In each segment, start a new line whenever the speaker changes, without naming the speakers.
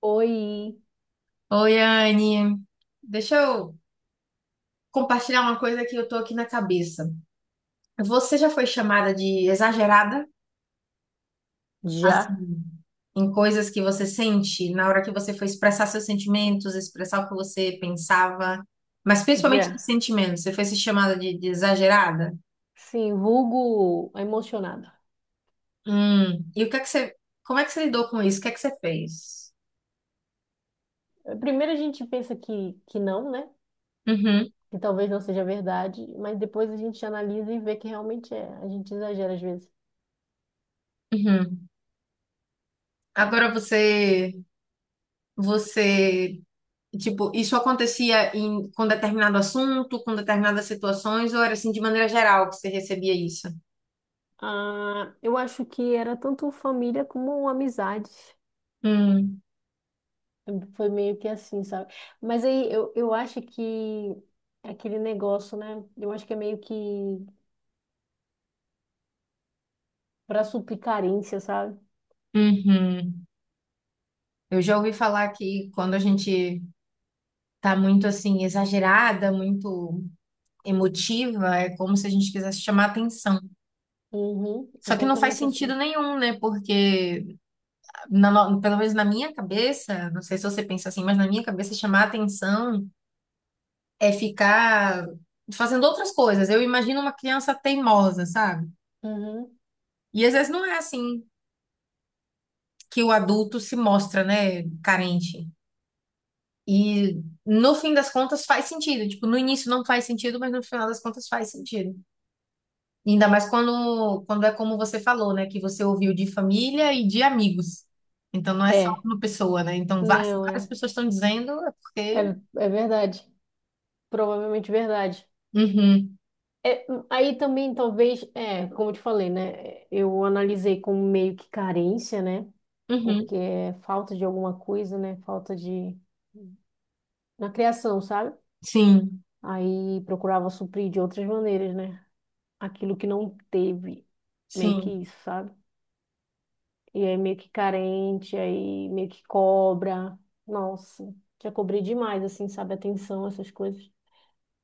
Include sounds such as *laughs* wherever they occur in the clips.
Oi,
Oi, Anne. Deixa eu compartilhar uma coisa que eu tô aqui na cabeça. Você já foi chamada de exagerada,
já,
assim, em coisas que você sente na hora que você foi expressar seus sentimentos, expressar o que você pensava, mas principalmente de
já.
sentimentos. Você foi se chamada de exagerada?
Sim, vulgo emocionada.
Hum. E o que é que como é que você lidou com isso? O que é que você fez?
Primeiro a gente pensa que não, né?
Uhum,
Que talvez não seja verdade, mas depois a gente analisa e vê que realmente é. A gente exagera às vezes,
uhum.
tá?
Agora você, você tipo, isso acontecia em, com determinado assunto, com determinadas situações, ou era assim de maneira geral que você recebia isso?
Ah, eu acho que era tanto família como amizade.
Hum,
Foi meio que assim, sabe? Mas aí eu acho que é aquele negócio, né? Eu acho que é meio que pra suplir carência, sabe?
uhum. Eu já ouvi falar que quando a gente tá muito assim, exagerada, muito emotiva, é como se a gente quisesse chamar atenção.
Uhum,
Só que não faz
exatamente
sentido
assim.
nenhum, né? Porque, na no- pelo menos na minha cabeça, não sei se você pensa assim, mas na minha cabeça, chamar atenção é ficar fazendo outras coisas. Eu imagino uma criança teimosa, sabe?
Uhum.
E às vezes não é assim que o adulto se mostra, né, carente. E no fim das contas faz sentido. Tipo, no início não faz sentido, mas no final das contas faz sentido. E ainda mais quando é como você falou, né, que você ouviu de família e de amigos. Então não é só
É.
uma pessoa, né? Então se
Não,
várias
é.
pessoas estão dizendo, é
É,
porque.
é verdade. Provavelmente verdade.
Uhum,
É, aí também, talvez, é, como eu te falei, né? Eu analisei como meio que carência, né?
uhum,
Porque é falta de alguma coisa, né? Falta de. Na criação, sabe?
sim,
Aí procurava suprir de outras maneiras, né? Aquilo que não teve. Meio que
sim,
isso, sabe? E aí meio que carente, aí meio que cobra. Nossa, já cobrei demais, assim, sabe? Atenção, essas coisas.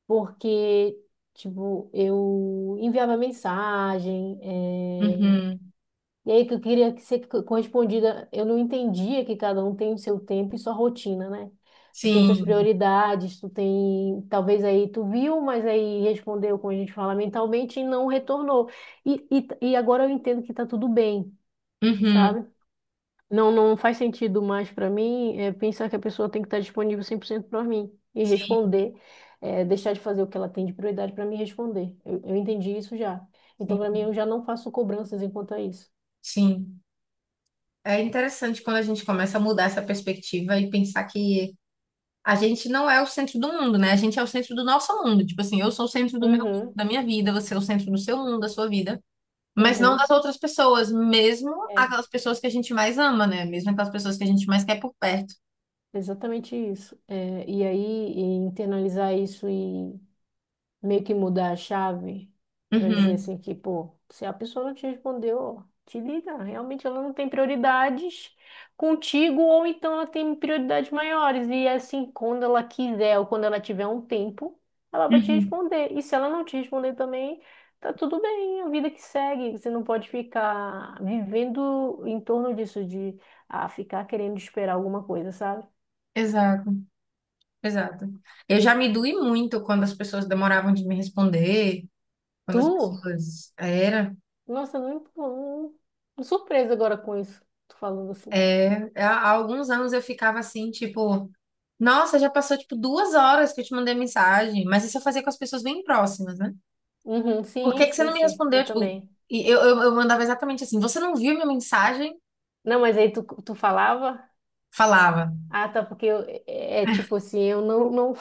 Porque, tipo, eu enviava mensagem,
uhum,
e aí que eu queria que ser correspondida, eu não entendia que cada um tem o seu tempo e sua rotina, né? Tu tem tuas
sim,
prioridades, tu tem, talvez aí tu viu, mas aí respondeu, como a gente fala, mentalmente e não retornou. E, e agora eu entendo que tá tudo bem,
uhum,
sabe? Não, não faz sentido mais para mim é, pensar que a pessoa tem que estar disponível 100% para mim e
sim,
responder, é, deixar de fazer o que ela tem de prioridade para me responder. Eu entendi isso já. Então, para
sim,
mim, eu já não faço cobranças enquanto a isso.
sim. É interessante quando a gente começa a mudar essa perspectiva e pensar que a gente não é o centro do mundo, né? A gente é o centro do nosso mundo. Tipo assim, eu sou o centro do meu,
Uhum,
da minha vida, você é o centro do seu mundo, da sua vida, mas não das
uhum,
outras pessoas, mesmo
é
aquelas pessoas que a gente mais ama, né? Mesmo aquelas pessoas que a gente mais quer por perto.
exatamente isso. É, e aí, e internalizar isso e meio que mudar a chave para dizer
Uhum,
assim que, pô, se a pessoa não te respondeu, te liga, realmente ela não tem prioridades contigo ou então ela tem prioridades maiores e é assim, quando ela quiser ou quando ela tiver um tempo, ela vai te
uhum.
responder. E se ela não te responder também, tá tudo bem, a vida que segue, você não pode ficar vivendo em torno disso de ah, ficar querendo esperar alguma coisa, sabe?
Exato, exato. Eu já me doí muito quando as pessoas demoravam de me responder, quando as
Tu?
pessoas. Era.
Nossa, não, não, surpresa agora com isso, tu falando assim.
É, há alguns anos eu ficava assim, tipo, nossa, já passou tipo 2 horas que eu te mandei mensagem, mas isso eu fazia com as pessoas bem próximas, né?
Uhum,
Por que
sim,
que você
sim,
não me
sim,
respondeu?
eu
Tipo,
também.
e eu mandava exatamente assim, você não viu minha mensagem?
Não, mas aí tu falava?
Falava,
Ah, tá, porque eu, é tipo assim, eu não,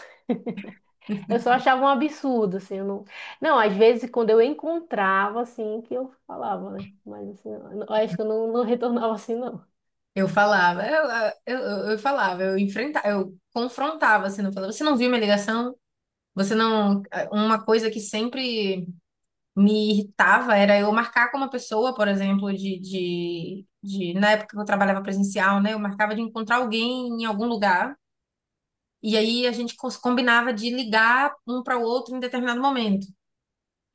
eu só achava um absurdo, assim, eu não, não, às vezes quando eu encontrava, assim, que eu falava, né, mas assim, eu acho que eu não retornava assim, não.
eu falava, eu, eu falava, eu enfrentava, eu confrontava, assim, não falava, você não viu minha ligação? Você não. É, uma coisa que sempre me irritava era eu marcar com uma pessoa, por exemplo, na época que eu trabalhava presencial, né? Eu marcava de encontrar alguém em algum lugar, e aí a gente combinava de ligar um para o outro em determinado momento.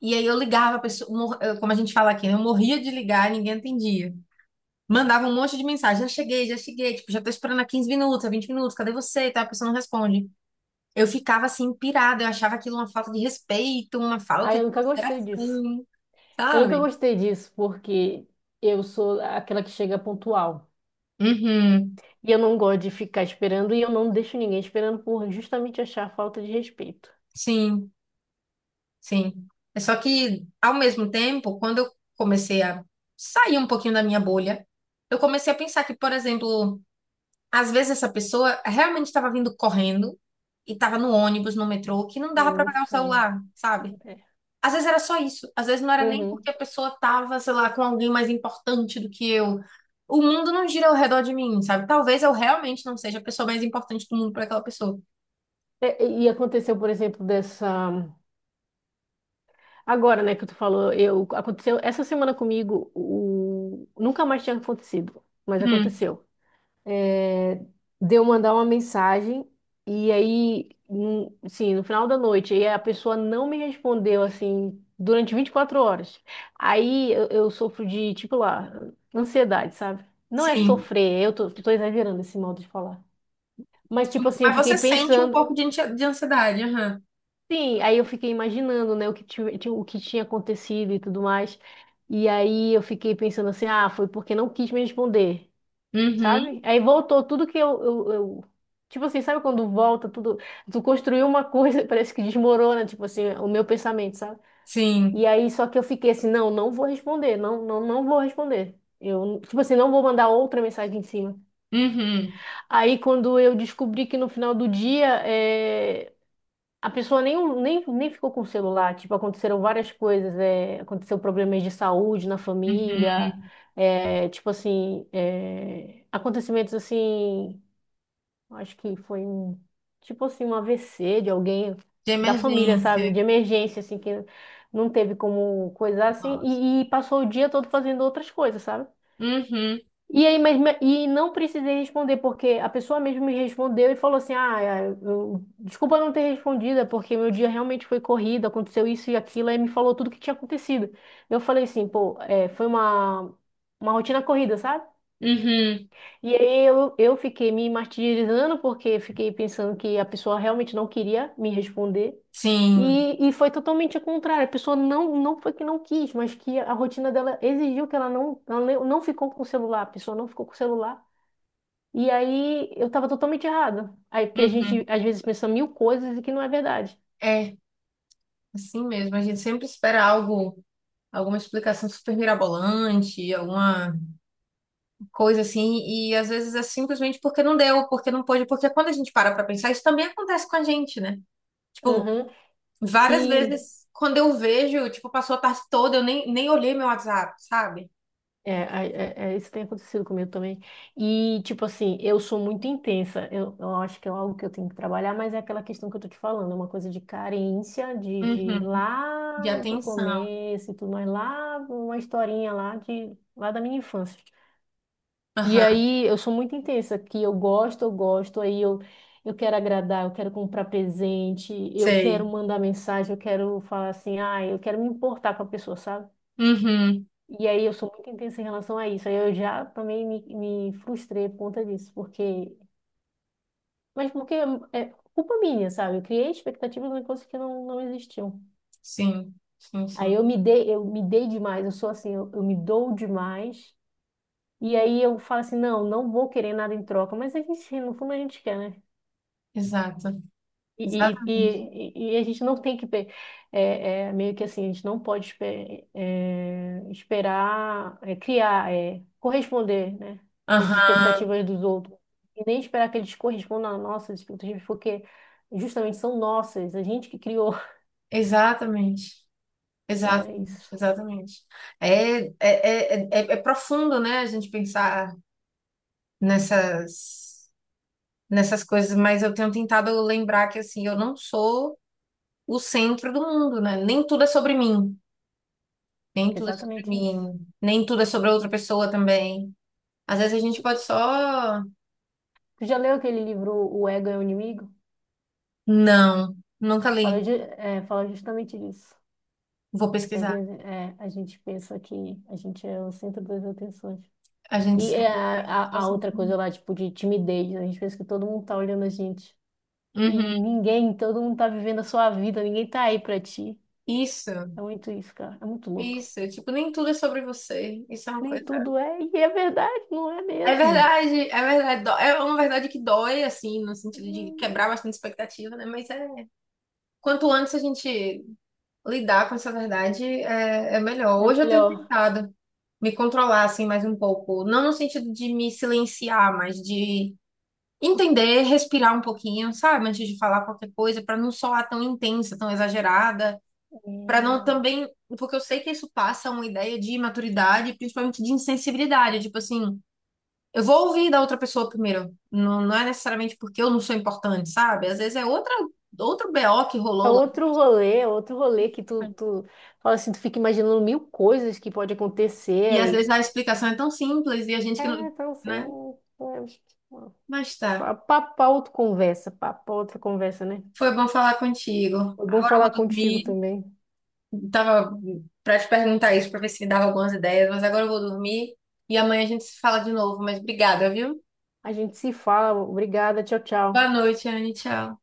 E aí eu ligava a pessoa, como a gente fala aqui, né? Eu morria de ligar e ninguém atendia. Mandava um monte de mensagem, já cheguei, tipo, já tô esperando há 15 minutos, há 20 minutos, cadê você? E tal, a pessoa não responde. Eu ficava assim, pirada, eu achava aquilo uma falta de respeito, uma
Ah,
falta
eu
de
nunca gostei disso.
consideração,
Eu nunca
sabe?
gostei disso, porque eu sou aquela que chega pontual.
Uhum.
E eu não gosto de ficar esperando e eu não deixo ninguém esperando por justamente achar falta de respeito.
Sim, sim. É só que, ao mesmo tempo, quando eu comecei a sair um pouquinho da minha bolha, eu comecei a pensar que, por exemplo, às vezes essa pessoa realmente estava vindo correndo e estava no ônibus, no metrô, que não dava para
Não
pegar o
sei.
celular, sabe?
É.
Às vezes era só isso. Às vezes não era nem porque a
Uhum.
pessoa estava, sei lá, com alguém mais importante do que eu. O mundo não gira ao redor de mim, sabe? Talvez eu realmente não seja a pessoa mais importante do mundo para aquela pessoa.
E aconteceu, por exemplo, dessa. Agora, né, que tu falou, eu aconteceu essa semana comigo, o... nunca mais tinha acontecido, mas
Hum,
aconteceu. De eu mandar uma mensagem e aí, sim, no final da noite, e a pessoa não me respondeu assim durante 24 horas. Aí eu sofro de, tipo lá, ansiedade, sabe? Não é
sim.
sofrer, eu tô exagerando esse modo de falar. Mas tipo assim, eu
Mas
fiquei
você sente um
pensando,
pouco de de ansiedade, aham.
sim, aí eu fiquei imaginando, né, o que tinha acontecido e tudo mais. E aí eu fiquei pensando assim, ah, foi porque não quis me responder.
Uhum.
Sabe? Aí voltou tudo que tipo assim, sabe quando volta tudo? Tu construiu uma coisa, *laughs* parece que desmorona, tipo assim, o meu pensamento, sabe? E
Sim.
aí, só que eu fiquei assim, não, não vou responder, não vou responder. Eu, tipo assim, não vou mandar outra mensagem em cima.
Uhum.
Aí, quando eu descobri que no final do dia, é, a pessoa nem ficou com o celular, tipo, aconteceram várias coisas, é, aconteceu problemas de saúde na
Uhum.
família, é, tipo assim, é, acontecimentos assim. Acho que foi um, tipo assim, um AVC de alguém
De
da família, sabe?
emergência.
De emergência, assim, que não teve como coisar, assim,
Nossa.
e passou o dia todo fazendo outras coisas, sabe?
Uhum.
E aí, e não precisei responder, porque a pessoa mesmo me respondeu e falou assim: Ah, é, desculpa não ter respondido, é porque meu dia realmente foi corrido, aconteceu isso e aquilo, aí me falou tudo o que tinha acontecido. Eu falei assim, pô, é, foi uma rotina corrida, sabe?
Uhum.
E aí eu fiquei me martirizando porque fiquei pensando que a pessoa realmente não queria me responder.
Sim.
E foi totalmente o contrário. A pessoa não foi que não quis, mas que a rotina dela exigiu que ela não, ela não ficou com o celular. A pessoa não ficou com o celular. E aí eu estava totalmente errada. Aí porque a gente
Uhum.
às vezes pensa mil coisas e que não é verdade.
É, assim mesmo. A gente sempre espera algo, alguma explicação super mirabolante, alguma coisa assim, e às vezes é simplesmente porque não deu, porque não pôde, porque quando a gente para pra pensar, isso também acontece com a gente, né? Tipo,
Uhum.
várias
E
vezes quando eu vejo, tipo, passou a tarde toda, eu nem, nem olhei meu WhatsApp, sabe?
Isso tem acontecido comigo também. E, tipo assim, eu sou muito intensa. Eu acho que é algo que eu tenho que trabalhar, mas é aquela questão que eu tô te falando, é uma coisa de carência, de
Uhum. De
lá do
atenção.
começo e tudo mais, lá, uma historinha lá de lá da minha infância. E
Aham,
aí eu sou muito intensa, que eu gosto, eu gosto, eu quero agradar, eu quero comprar presente, eu quero
sei.
mandar mensagem, eu quero falar assim, ah, eu quero me importar com a pessoa, sabe?
Uhum,
E aí eu sou muito intensa em relação a isso. Aí eu já também me frustrei por conta disso, porque. Mas porque é culpa minha, sabe? Eu criei expectativas em coisas que não existiam.
sim, sim,
Aí
sim.
eu me dei demais, eu sou assim, eu me dou demais. E aí eu falo assim, não, não vou querer nada em troca. Mas a gente, no fundo, a gente quer, né?
Exato,
E, e,
exatamente.
e a gente não tem que é, é, meio que assim, a gente não pode é, esperar é, criar, é, corresponder, né, às
Aham,
expectativas dos outros. E nem esperar que eles correspondam às nossas expectativas, porque justamente são nossas, a gente que criou. *laughs*
exatamente.
Então é
Exatamente,
isso.
exatamente. É profundo, né, a gente pensar nessas, nessas coisas, mas eu tenho tentado lembrar que, assim, eu não sou o centro do mundo, né? Nem tudo é sobre mim, nem tudo é sobre
Exatamente isso.
mim, nem tudo é sobre outra pessoa também. Às vezes a gente pode só...
Tu já leu aquele livro O Ego é o Inimigo?
Não, nunca
Fala,
li.
de, é, fala justamente disso.
Vou
Que às
pesquisar.
vezes é, a gente pensa que a gente é o centro das atenções.
A gente
E é
sabe.
a outra coisa lá, tipo, de timidez. Né? A gente pensa que todo mundo tá olhando a gente. E
Uhum.
ninguém, todo mundo tá vivendo a sua vida, ninguém tá aí pra ti.
Isso,
É muito isso, cara. É muito louco.
isso. Tipo, nem tudo é sobre você. Isso é uma
Nem
coisa.
tudo é, e é verdade, não é
É
mesmo.
verdade, é verdade. É uma verdade que dói, assim, no sentido de
Hum,
quebrar bastante expectativa, né? Mas é. Quanto antes a gente lidar com essa verdade, é, é melhor.
É
Hoje eu tenho
melhor.
tentado me controlar, assim, mais um pouco. Não no sentido de me silenciar, mas de entender, respirar um pouquinho, sabe? Antes de falar qualquer coisa, para não soar tão intensa, tão exagerada. Para não
Hum.
também, porque eu sei que isso passa uma ideia de imaturidade, principalmente de insensibilidade, tipo assim, eu vou ouvir da outra pessoa primeiro, não, não é necessariamente porque eu não sou importante, sabe? Às vezes é outra, outro BO que
É
rolou lá,
outro rolê, é outro rolê que tu fala assim, tu fica imaginando mil coisas que pode acontecer
e às
aí.
vezes a explicação é tão simples e a gente que não,
É, então assim,
né? Mas tá,
é, papo pra outra conversa, né?
foi bom falar contigo.
Foi bom
Agora eu
falar
vou
contigo
dormir,
também.
tava para te perguntar isso, para ver se me dava algumas ideias, mas agora eu vou dormir e amanhã a gente se fala de novo, mas obrigada, viu?
A gente se fala. Obrigada. Tchau,
Boa
tchau.
noite, Anne, tchau.